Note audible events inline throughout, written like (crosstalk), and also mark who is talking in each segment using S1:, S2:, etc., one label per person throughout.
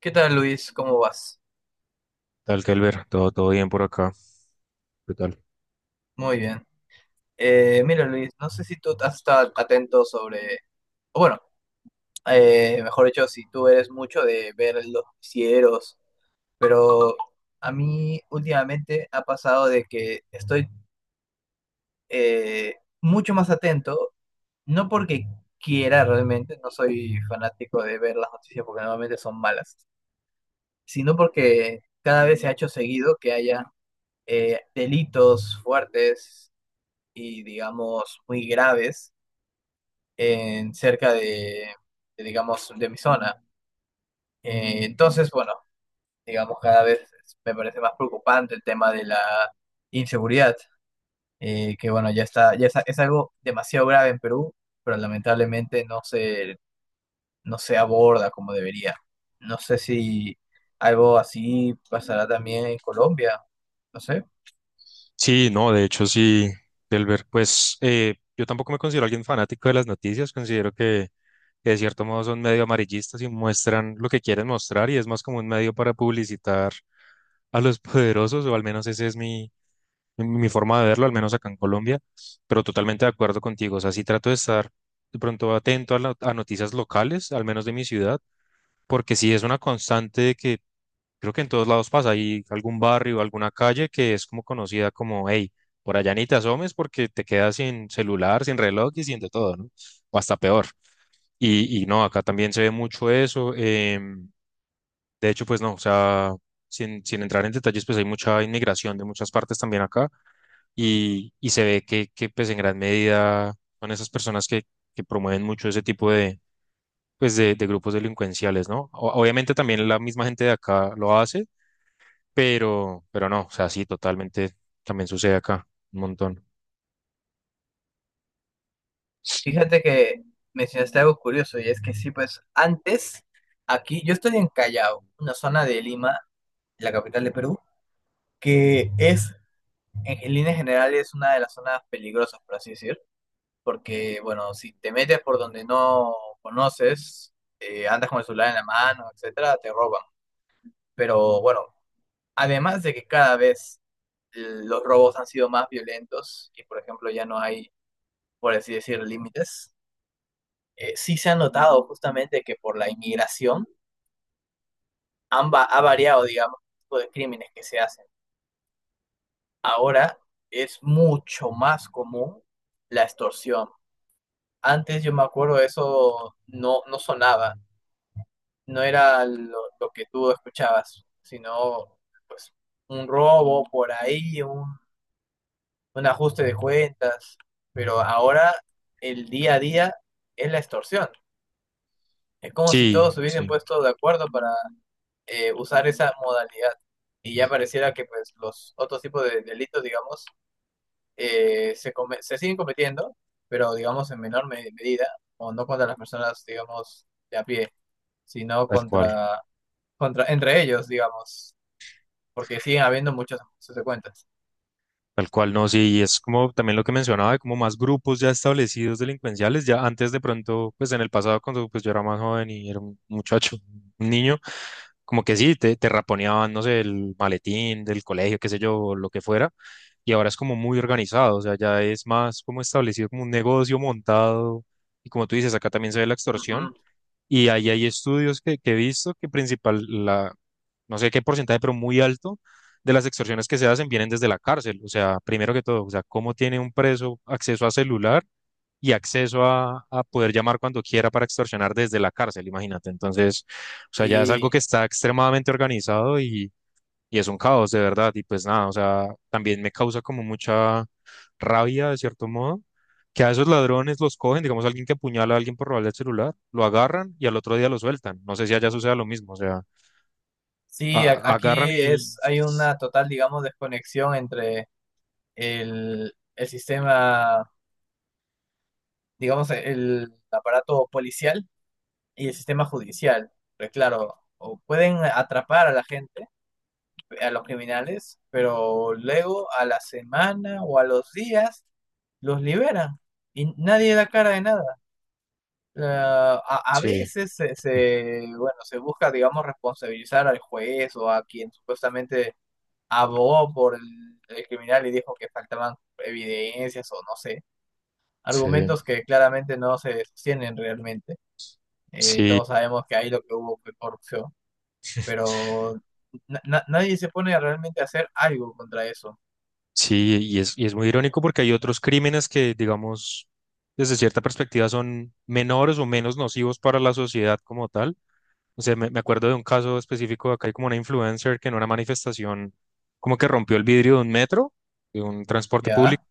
S1: ¿Qué tal, Luis? ¿Cómo vas?
S2: Tal, Kelber, todo bien por acá. ¿Qué tal?
S1: Muy bien. Mira, Luis, no sé si tú has estado atento sobre, o bueno, mejor dicho, si tú eres mucho de ver los noticieros, pero a mí últimamente ha pasado de que estoy eh, mucho más atento, no porque quiera realmente, no soy fanático de ver las noticias porque normalmente son malas, sino porque cada vez se ha hecho seguido que haya delitos fuertes y digamos muy graves en cerca de, digamos de mi zona. Entonces, bueno, digamos cada vez me parece más preocupante el tema de la inseguridad, que bueno, es algo demasiado grave en Perú, pero lamentablemente no se aborda como debería. No sé si algo así pasará también en Colombia, no sé.
S2: Sí, no, de hecho sí, Kelber, pues yo tampoco me considero alguien fanático de las noticias, considero que de cierto modo son medio amarillistas y muestran lo que quieren mostrar y es más como un medio para publicitar a los (laughs) poderosos, o al menos esa es mi forma de verlo, al menos acá en Colombia, pero totalmente de acuerdo contigo, o sea, sí trato de estar de pronto atento a, a noticias locales, al menos de mi ciudad, porque sí es una constante de que creo que en todos lados pasa. Hay algún barrio, alguna calle que es como conocida como, hey, por allá ni te asomes porque te quedas sin celular, sin reloj y sin de todo, ¿no? O hasta peor. Y no, acá también se ve mucho eso. De hecho, pues no, o sea, sin entrar en detalles, pues hay mucha inmigración de muchas partes también acá y se ve que pues en gran medida son esas personas que promueven mucho ese tipo de de grupos delincuenciales, ¿no? Obviamente también la misma gente de acá lo hace pero no, o sea, sí, totalmente también sucede acá, un montón.
S1: Fíjate que mencionaste algo curioso y es que sí, pues antes aquí yo estoy en Callao, una zona de Lima, la capital de Perú, que es en líneas generales una de las zonas peligrosas, por así decir, porque bueno, si te metes por donde no conoces, andas con el celular en la mano, etcétera, te roban. Pero bueno, además de que cada vez los robos han sido más violentos y por ejemplo ya no hay, por así decir, límites, sí se ha notado justamente que por la inmigración ha variado, digamos, el tipo de crímenes que se hacen. Ahora es mucho más común la extorsión. Antes yo me acuerdo eso no sonaba, no era lo que tú escuchabas, sino pues un robo por ahí, un ajuste de cuentas, pero ahora el día a día es la extorsión. Es como si todos
S2: Sí,
S1: se hubiesen
S2: sí,
S1: puesto de acuerdo para usar esa modalidad. Y ya pareciera que pues los otros tipos de delitos, digamos, eh, se siguen cometiendo, pero digamos en menor medida, o no contra las personas, digamos, de a pie, sino
S2: tal cual,
S1: contra, contra entre ellos, digamos, porque siguen habiendo muchas consecuencias.
S2: tal cual, no, sí, y es como también lo que mencionaba, de como más grupos ya establecidos delincuenciales, ya antes de pronto, pues en el pasado, cuando pues yo era más joven y era un muchacho, un niño, como que sí, te raponeaban, no sé, el maletín del colegio, qué sé yo, o lo que fuera, y ahora es como muy organizado, o sea, ya es más como establecido como un negocio montado, y como tú dices, acá también se ve la extorsión.
S1: Ujú.
S2: Y ahí hay estudios que he visto que principal, no sé qué porcentaje, pero muy alto de las extorsiones que se hacen vienen desde la cárcel. O sea, primero que todo, o sea, cómo tiene un preso acceso a celular y acceso a poder llamar cuando quiera para extorsionar desde la cárcel, imagínate. Entonces, o sea, ya es algo
S1: Sí,
S2: que está extremadamente organizado y es un caos, de verdad. Y pues nada, o sea, también me causa como mucha rabia de cierto modo, que a esos ladrones los cogen, digamos, alguien que apuñala a alguien por robarle el celular, lo agarran y al otro día lo sueltan. No sé si allá suceda lo mismo, o sea,
S1: sí, aquí
S2: agarran y...
S1: es, hay una total, digamos, desconexión entre el sistema, digamos, el aparato policial y el sistema judicial. Porque, claro, o pueden atrapar a la gente, a los criminales, pero luego a la semana o a los días los liberan y nadie da cara de nada. A
S2: Sí,
S1: veces bueno, se busca, digamos, responsabilizar al juez o a quien supuestamente abogó por el criminal y dijo que faltaban evidencias o no sé,
S2: sí,
S1: argumentos que claramente no se sostienen realmente.
S2: sí,
S1: Todos sabemos que ahí lo que hubo fue corrupción, pero nadie se pone a realmente hacer algo contra eso.
S2: sí, y es muy irónico porque hay otros crímenes que, digamos, desde cierta perspectiva son menores o menos nocivos para la sociedad como tal. O sea, me acuerdo de un caso específico, acá hay como una influencer que en una manifestación como que rompió el vidrio de un metro, de un transporte público.
S1: ¿Ya?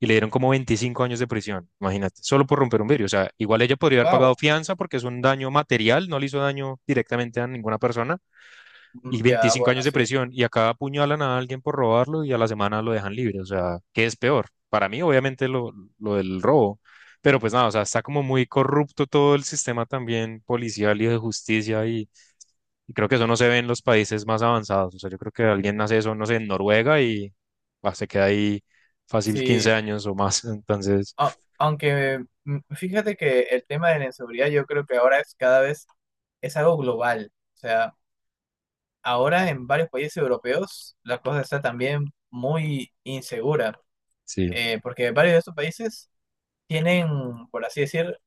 S2: Y le dieron como 25 años de prisión, imagínate, solo por romper un vidrio. O sea, igual ella podría haber pagado
S1: Wow.
S2: fianza porque es un daño material, no le hizo daño directamente a ninguna persona y
S1: Ya,
S2: veinticinco
S1: bueno,
S2: años de
S1: sí.
S2: prisión y acá apuñalan a alguien por robarlo y a la semana lo dejan libre. O sea, ¿qué es peor? Para mí, obviamente, lo del robo, pero pues nada, o sea, está como muy corrupto todo el sistema también policial y de justicia y creo que eso no se ve en los países más avanzados. O sea, yo creo que alguien hace eso, no sé, en Noruega y bah, se queda ahí fácil 15
S1: Sí.
S2: años o más. (laughs) Entonces,
S1: Aunque fíjate que el tema de la inseguridad yo creo que ahora es cada vez es algo global. O sea, ahora en varios países europeos la cosa está también muy insegura,
S2: sí,
S1: porque varios de estos países tienen, por así decir,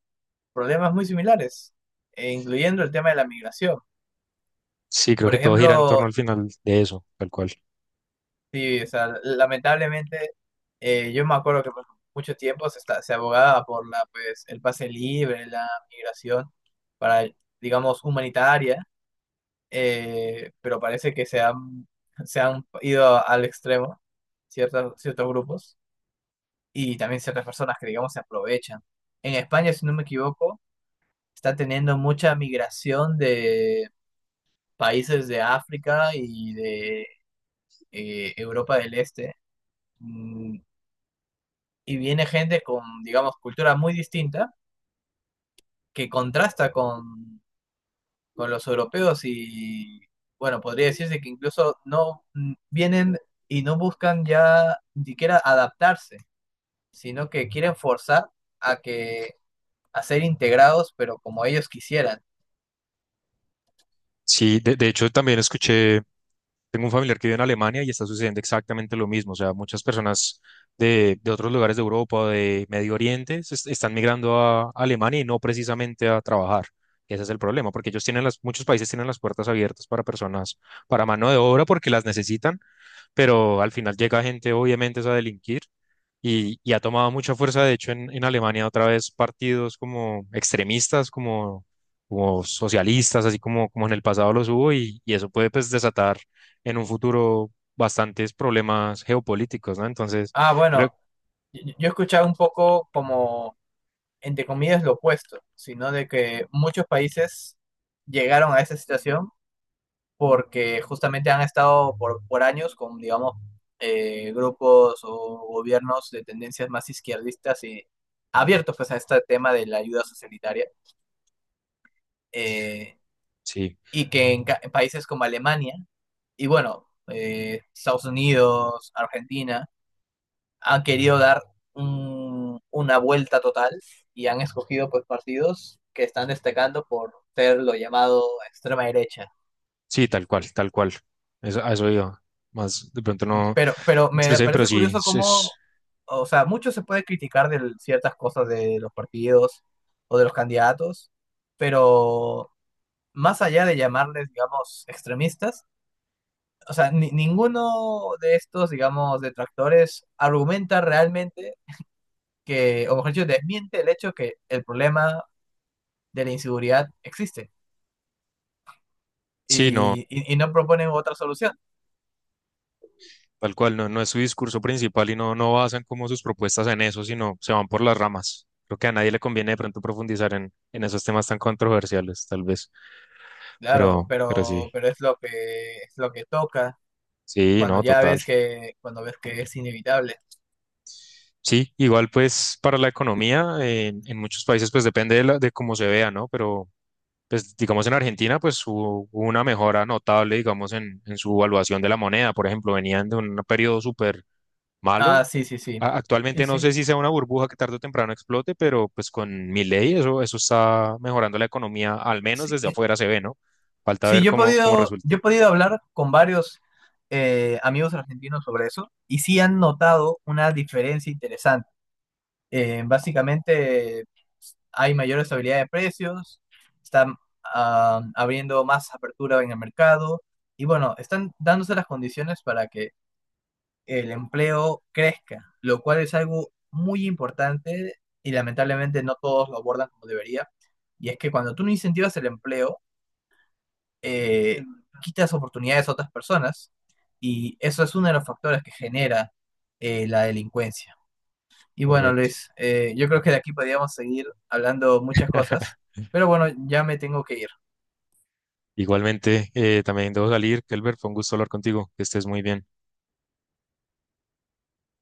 S1: problemas muy similares, incluyendo el tema de la migración.
S2: sí, creo
S1: Por
S2: que todo gira en torno
S1: ejemplo,
S2: al final de eso, tal cual.
S1: sí, o sea, lamentablemente yo me acuerdo que por mucho tiempo se abogaba por la, pues, el pase libre, la migración para, digamos, humanitaria, pero parece que se han ido al extremo ciertos grupos y también ciertas personas que, digamos, se aprovechan. En España, si no me equivoco, está teniendo mucha migración de países de África y de Europa del Este. mm, y viene gente con, digamos, cultura muy distinta que contrasta con los europeos y, bueno, podría decirse que incluso no, vienen y no buscan ya ni siquiera adaptarse, sino que quieren forzar a que a ser integrados, pero como ellos quisieran.
S2: Sí, de hecho también escuché. Tengo un familiar que vive en Alemania y está sucediendo exactamente lo mismo. O sea, muchas personas de otros lugares de Europa, o de Medio Oriente, están migrando a Alemania y no precisamente a trabajar. Ese es el problema, porque ellos tienen las, muchos países tienen las puertas abiertas para personas, para mano de obra, porque las necesitan, pero al final llega gente obviamente es a delinquir y ha tomado mucha fuerza, de hecho en Alemania otra vez partidos como extremistas, como socialistas, así como en el pasado los hubo y eso puede pues desatar en un futuro bastantes problemas geopolíticos, ¿no? Entonces,
S1: Ah,
S2: creo
S1: bueno,
S2: que
S1: yo he escuchado un poco como, entre comillas, lo opuesto, sino de que muchos países llegaron a esa situación porque justamente han estado por años con, digamos, grupos o gobiernos de tendencias más izquierdistas y abiertos pues, a este tema de la ayuda socialitaria, eh,
S2: sí,
S1: y que en países como Alemania y bueno, Estados Unidos, Argentina, han querido dar una vuelta total y han escogido pues partidos que están destacando por ser lo llamado extrema derecha.
S2: sí, tal cual, tal cual. Eso, a eso iba. Más de pronto no
S1: Pero
S2: me
S1: me
S2: expresé bien, pero
S1: parece
S2: sí,
S1: curioso
S2: es,
S1: cómo,
S2: es-
S1: o sea, mucho se puede criticar de ciertas cosas de los partidos o de los candidatos, pero más allá de llamarles, digamos, extremistas, o sea, ninguno de estos, digamos, detractores argumenta realmente que, o mejor dicho, desmiente el hecho que el problema de la inseguridad existe
S2: sí, no.
S1: y, y no proponen otra solución.
S2: Tal cual, no, no es su discurso principal y no, no basan como sus propuestas en eso, sino se van por las ramas. Creo que a nadie le conviene de pronto profundizar en esos temas tan controversiales, tal vez.
S1: Claro,
S2: Pero sí,
S1: pero es lo que toca.
S2: sí,
S1: Cuando
S2: no,
S1: ya
S2: total.
S1: ves que, cuando ves que es inevitable.
S2: Sí, igual pues para la economía, en muchos países pues depende de, de cómo se vea, ¿no? Pero pues digamos en Argentina pues hubo una mejora notable, digamos, en su evaluación de la moneda. Por ejemplo, venían de un periodo súper malo.
S1: Ah, sí, sí, sí. Sí,
S2: Actualmente no
S1: sí.
S2: sé si sea una burbuja que tarde o temprano explote, pero pues con mi ley eso está mejorando la economía, al menos
S1: Sí,
S2: desde afuera se ve, ¿no? Falta
S1: sí,
S2: ver cómo
S1: yo he
S2: resulte.
S1: podido hablar con varios amigos argentinos sobre eso y sí han notado una diferencia interesante. Básicamente hay mayor estabilidad de precios, están abriendo más apertura en el mercado y bueno, están dándose las condiciones para que el empleo crezca, lo cual es algo muy importante y lamentablemente no todos lo abordan como debería. Y es que cuando tú no incentivas el empleo, eh, quitas oportunidades a otras personas y eso es uno de los factores que genera la delincuencia. Y bueno,
S2: Correcto.
S1: Luis, yo creo que de aquí podríamos seguir hablando muchas cosas,
S2: (laughs)
S1: pero bueno, ya me tengo que ir.
S2: Igualmente, también debo salir. Kelber, fue un gusto hablar contigo. Que estés muy bien.